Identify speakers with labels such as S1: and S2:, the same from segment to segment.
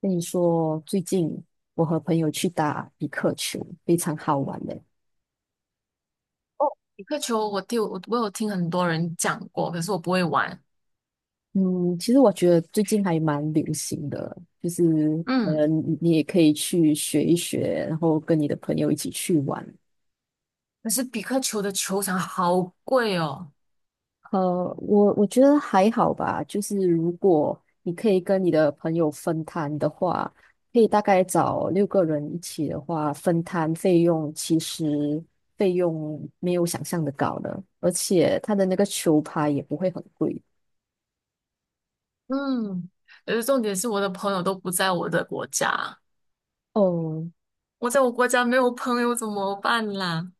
S1: 跟你说，最近我和朋友去打匹克球，非常好玩的。
S2: 哦，比克球我有听很多人讲过，可是我不会玩。
S1: 嗯，其实我觉得最近还蛮流行的，就是可
S2: 嗯，
S1: 能你也可以去学一学，然后跟你的朋友一起去玩。
S2: 可是比克球的球场好贵哦。
S1: 我觉得还好吧，就是如果你可以跟你的朋友分摊的话，可以大概找六个人一起的话，分摊费用其实费用没有想象的高了，而且他的那个球拍也不会很贵。
S2: 嗯，可是重点是我的朋友都不在我的国家，
S1: 哦，
S2: 我在我国家没有朋友怎么办啦？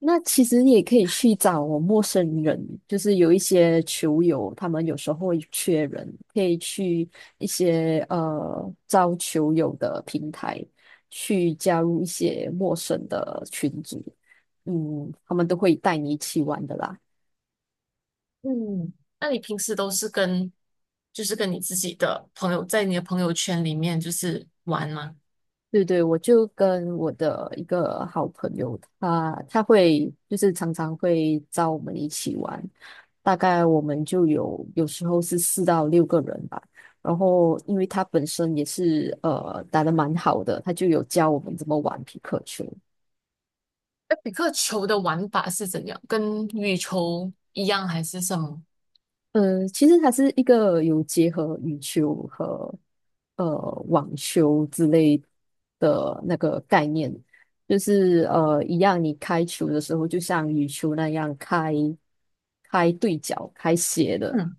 S1: 那其实也可以去找陌生人，就是有一些球友，他们有时候会缺人，可以去一些招球友的平台去加入一些陌生的群组，他们都会带你一起玩的啦。
S2: 嗯，那你平时都是跟就是跟你自己的朋友在你的朋友圈里面就是玩吗？
S1: 对对，我就跟我的一个好朋友，他会就是常常会找我们一起玩，大概我们就有时候是四到六个人吧。然后因为他本身也是打得蛮好的，他就有教我们怎么玩皮克球。
S2: 那比克球的玩法是怎样？跟羽球一样还是什么？
S1: 其实它是一个有结合羽球和呃网球之类的那个概念，就是一样，你开球的时候就像羽球那样开对角、开斜的，
S2: 嗯，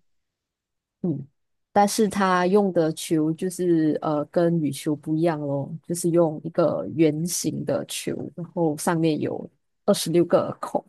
S1: 嗯，但是它用的球就是跟羽球不一样咯，就是用一个圆形的球，然后上面有26个孔。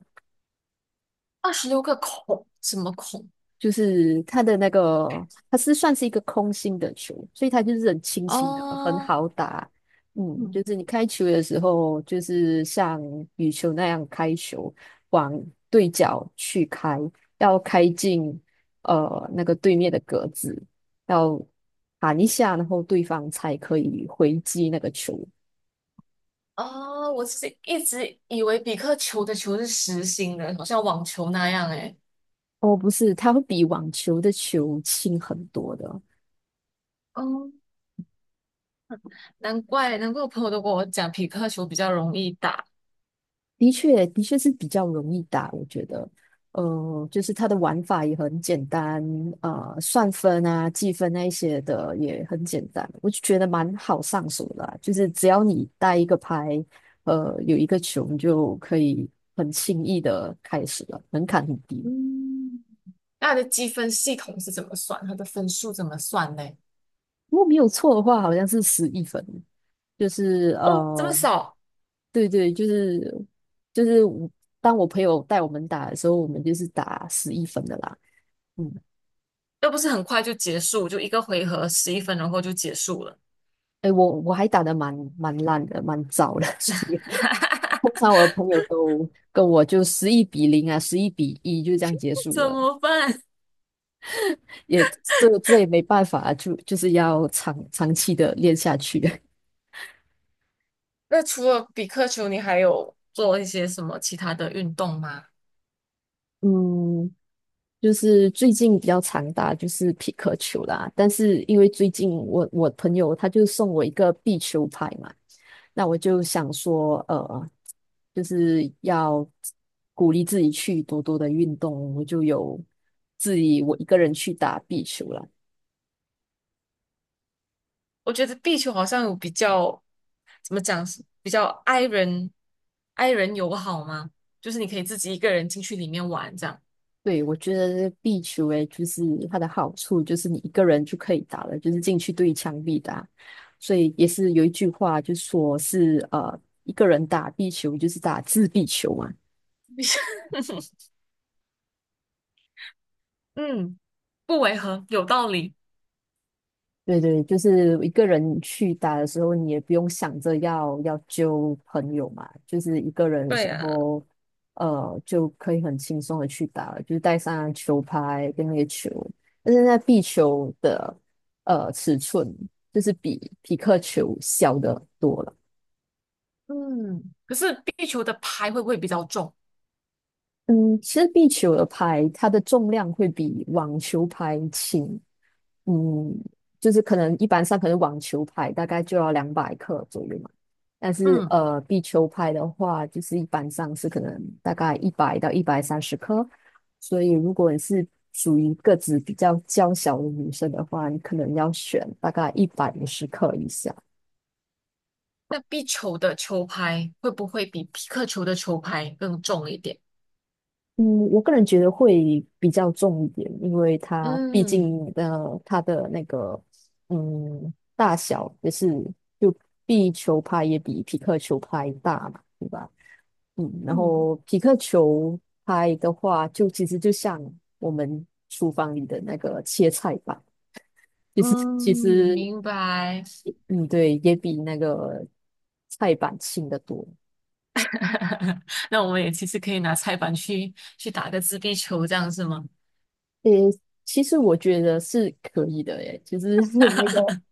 S2: 26个孔，什么孔？
S1: 就是它的那个，它是算是一个空心的球，所以它就是很轻轻的，很
S2: 哦。
S1: 好打。
S2: 嗯。
S1: 就是你开球的时候，就是像羽球那样开球，往对角去开，要开进那个对面的格子，要弹一下，然后对方才可以回击那个球。
S2: 哦，我是一直以为比克球的球是实心的，好像网球那样诶。
S1: 哦，不是，它会比网球的球轻很多的。
S2: 哦，难怪难怪我朋友都跟我讲匹克球比较容易打。
S1: 的确，的确是比较容易打，我觉得，就是它的玩法也很简单，算分啊、计分那一些的也很简单，我就觉得蛮好上手的啊就是只要你带一个拍，有一个球，你就可以很轻易的开始了，门槛很低。
S2: 嗯，那它的积分系统是怎么算？它的分数怎么算呢？
S1: 如果没有错的话，好像是十一分，就是
S2: 哦，这么
S1: 呃，
S2: 少。
S1: 对对，就是我，当我朋友带我们打的时候，我们就是打十一分的啦。嗯。
S2: 又不是很快就结束，就一个回合11分钟后就结束了。
S1: 哎，我还打得蛮烂的，蛮糟的，所以通常 我的朋友都跟我就11-0啊，11-1就这样结束
S2: 怎
S1: 了，
S2: 么办？
S1: 也这也没办法啊，就是要长期的练下去。
S2: 那除了比克球，你还有做一些什么其他的运动吗？
S1: 嗯，就是最近比较常打就是匹克球啦，但是因为最近我朋友他就送我一个壁球拍嘛，那我就想说，就是要鼓励自己去多多的运动，我就有我一个人去打壁球了。
S2: 我觉得壁球好像有比较，怎么讲，比较 i 人 i 人友好吗？就是你可以自己一个人进去里面玩这样。
S1: 对，我觉得壁球诶，就是它的好处就是你一个人就可以打了，就是进去对墙壁打，所以也是有一句话就说是一个人打壁球就是打自闭球嘛。
S2: 嗯，不违和，有道理。
S1: 对对，就是一个人去打的时候，你也不用想着要揪朋友嘛，就是一个人的时
S2: 对啊。
S1: 候，就可以很轻松的去打了，就是带上球拍跟那个球，但是那壁球的尺寸就是比匹克球小的多了。
S2: 嗯，可是壁球的拍会不会比较重？
S1: 嗯，其实壁球的拍，它的重量会比网球拍轻，嗯，就是可能一般上可能网球拍大概就要200克左右嘛，但是
S2: 嗯。
S1: 壁球拍的话，就是一般上是可能大概100到130克，所以如果你是属于个子比较娇小的女生的话，你可能要选大概150克以下。
S2: 那壁球的球拍会不会比皮克球的球拍更重一点？
S1: 嗯，我个人觉得会比较重一点，因为它毕
S2: 嗯
S1: 竟它的那个大小也是，就壁球拍也比匹克球拍大嘛，对吧？然
S2: 嗯
S1: 后匹克球拍的话，就其实就像我们厨房里的那个切菜板，就是其
S2: 嗯，
S1: 实
S2: 明白。
S1: 嗯对，也比那个菜板轻得多。
S2: 那我们也其实可以拿菜板去打个自闭球，这样是吗？
S1: 诶，其实我觉得是可以的，诶，就是那个。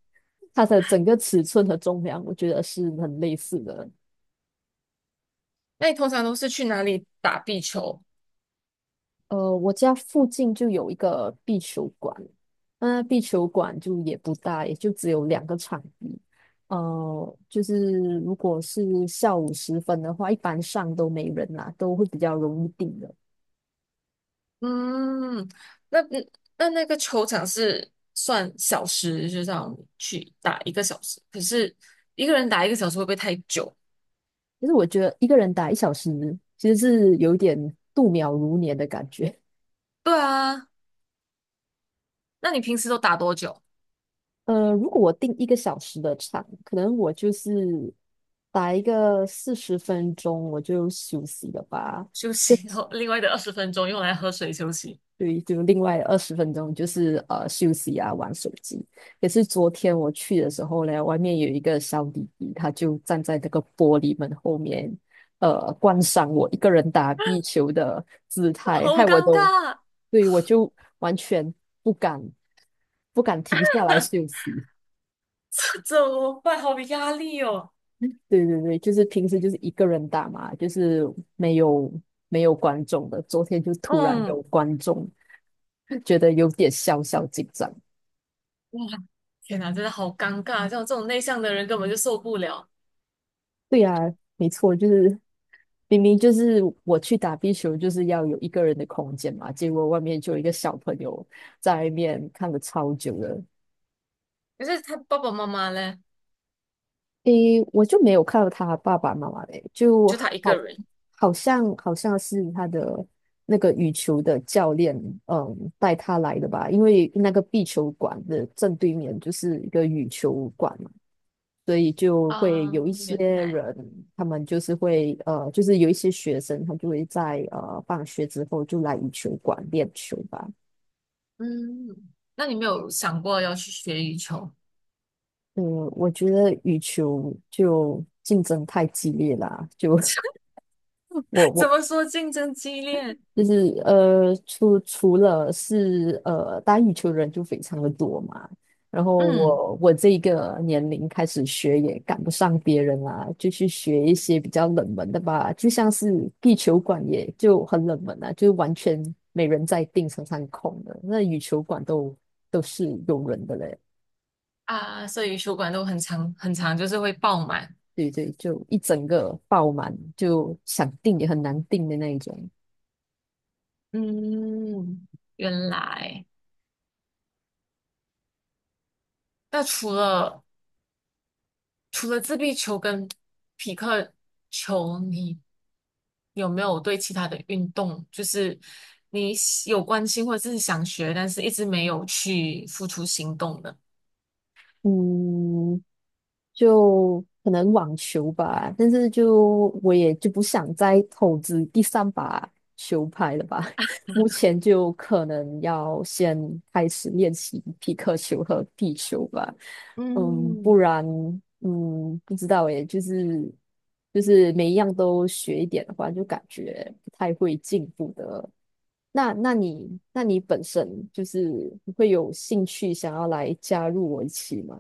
S1: 它的整个尺寸和重量，我觉得是很类似的。
S2: 那你通常都是去哪里打壁球？
S1: 我家附近就有一个壁球馆，那壁球馆就也不大，也就只有两个场地。就是如果是下午时分的话，一般上都没人啦，都会比较容易定的。
S2: 嗯，那那个球场是算小时，就这样去打一个小时。可是一个人打一个小时会不会太久？
S1: 其实我觉得一个人打一小时，其实是有一点度秒如年的感觉。
S2: 对啊，那你平时都打多久？
S1: 如果我定一个小时的场，可能我就是打一个40分钟，我就休息了吧。
S2: 休
S1: 就
S2: 息，然后另外的20分钟用来喝水休息。
S1: 对，就另外20分钟就是休息啊，玩手机。也是昨天我去的时候呢，外面有一个小弟弟，他就站在那个玻璃门后面，观赏我一个人打壁球的姿态，害
S2: 好
S1: 我
S2: 尴
S1: 都，
S2: 尬。
S1: 对，我就完全不敢不敢停下来休息。
S2: 怎么办？好有压力哦。
S1: 对对对，就是平时就是一个人打嘛，就是没有没有观众的。昨天就突然
S2: 嗯。
S1: 有观众，觉得有点小小紧张。
S2: 哇，天哪，真的好尴尬，像我这种内向的人根本就受不了。
S1: 对呀，没错，就是明明就是我去打壁球，就是要有一个人的空间嘛，结果外面就有一个小朋友在外面看了超久了。
S2: 可是他爸爸妈妈呢？
S1: 诶，我就没有看到他爸爸妈妈嘞，就
S2: 就他一个
S1: 好，
S2: 人
S1: 好像好像是他的那个羽球的教练，带他来的吧，因为那个壁球馆的正对面就是一个羽球馆嘛，所以就会
S2: 啊。
S1: 有一些
S2: 原来。
S1: 人，他们就是会就是有一些学生，他就会在放学之后就来羽球馆练球吧。
S2: 嗯，那你没有想过要去学羽球？
S1: 嗯，我觉得羽球就竞争太激烈啦，就 我
S2: 怎
S1: 我
S2: 么说竞争激烈？
S1: 就是除了是打羽球的人就非常的多嘛，然后
S2: 嗯。
S1: 我这一个年龄开始学也赶不上别人啦、就去学一些比较冷门的吧，就像是地球馆也就很冷门啊，就完全没人在订，常上空的。那羽球馆都是有人的嘞，
S2: 啊，所以羽球馆都很长很长，就是会爆满。
S1: 对对，就一整个爆满，就想订也很难订的那一种。
S2: 嗯，原来。那除了自闭球跟匹克球，你有没有对其他的运动，就是你喜有关心或者是想学，但是一直没有去付出行动的？
S1: 嗯，就可能网球吧，但是就我也就不想再投资第三把球拍了吧。目前就可能要先开始练习皮克球和地球吧，嗯，不
S2: 嗯，
S1: 然嗯不知道诶，就是每一样都学一点的话，就感觉不太会进步的。那你本身就是会有兴趣想要来加入我一起吗？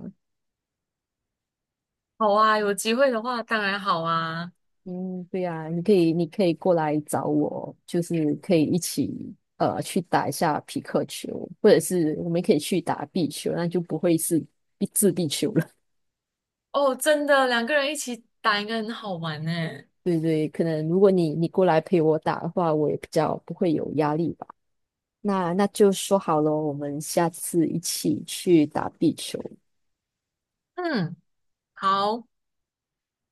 S2: 好啊，有机会的话当然好啊。
S1: 嗯，对呀、你可以过来找我，就是可以一起去打一下匹克球，或者是我们可以去打壁球，那就不会是壁球了。
S2: 哦，真的，2个人一起打应该很好玩呢。
S1: 对对，可能如果你过来陪我打的话，我也比较不会有压力吧。那就说好了，我们下次一起去打壁球。
S2: 嗯，好。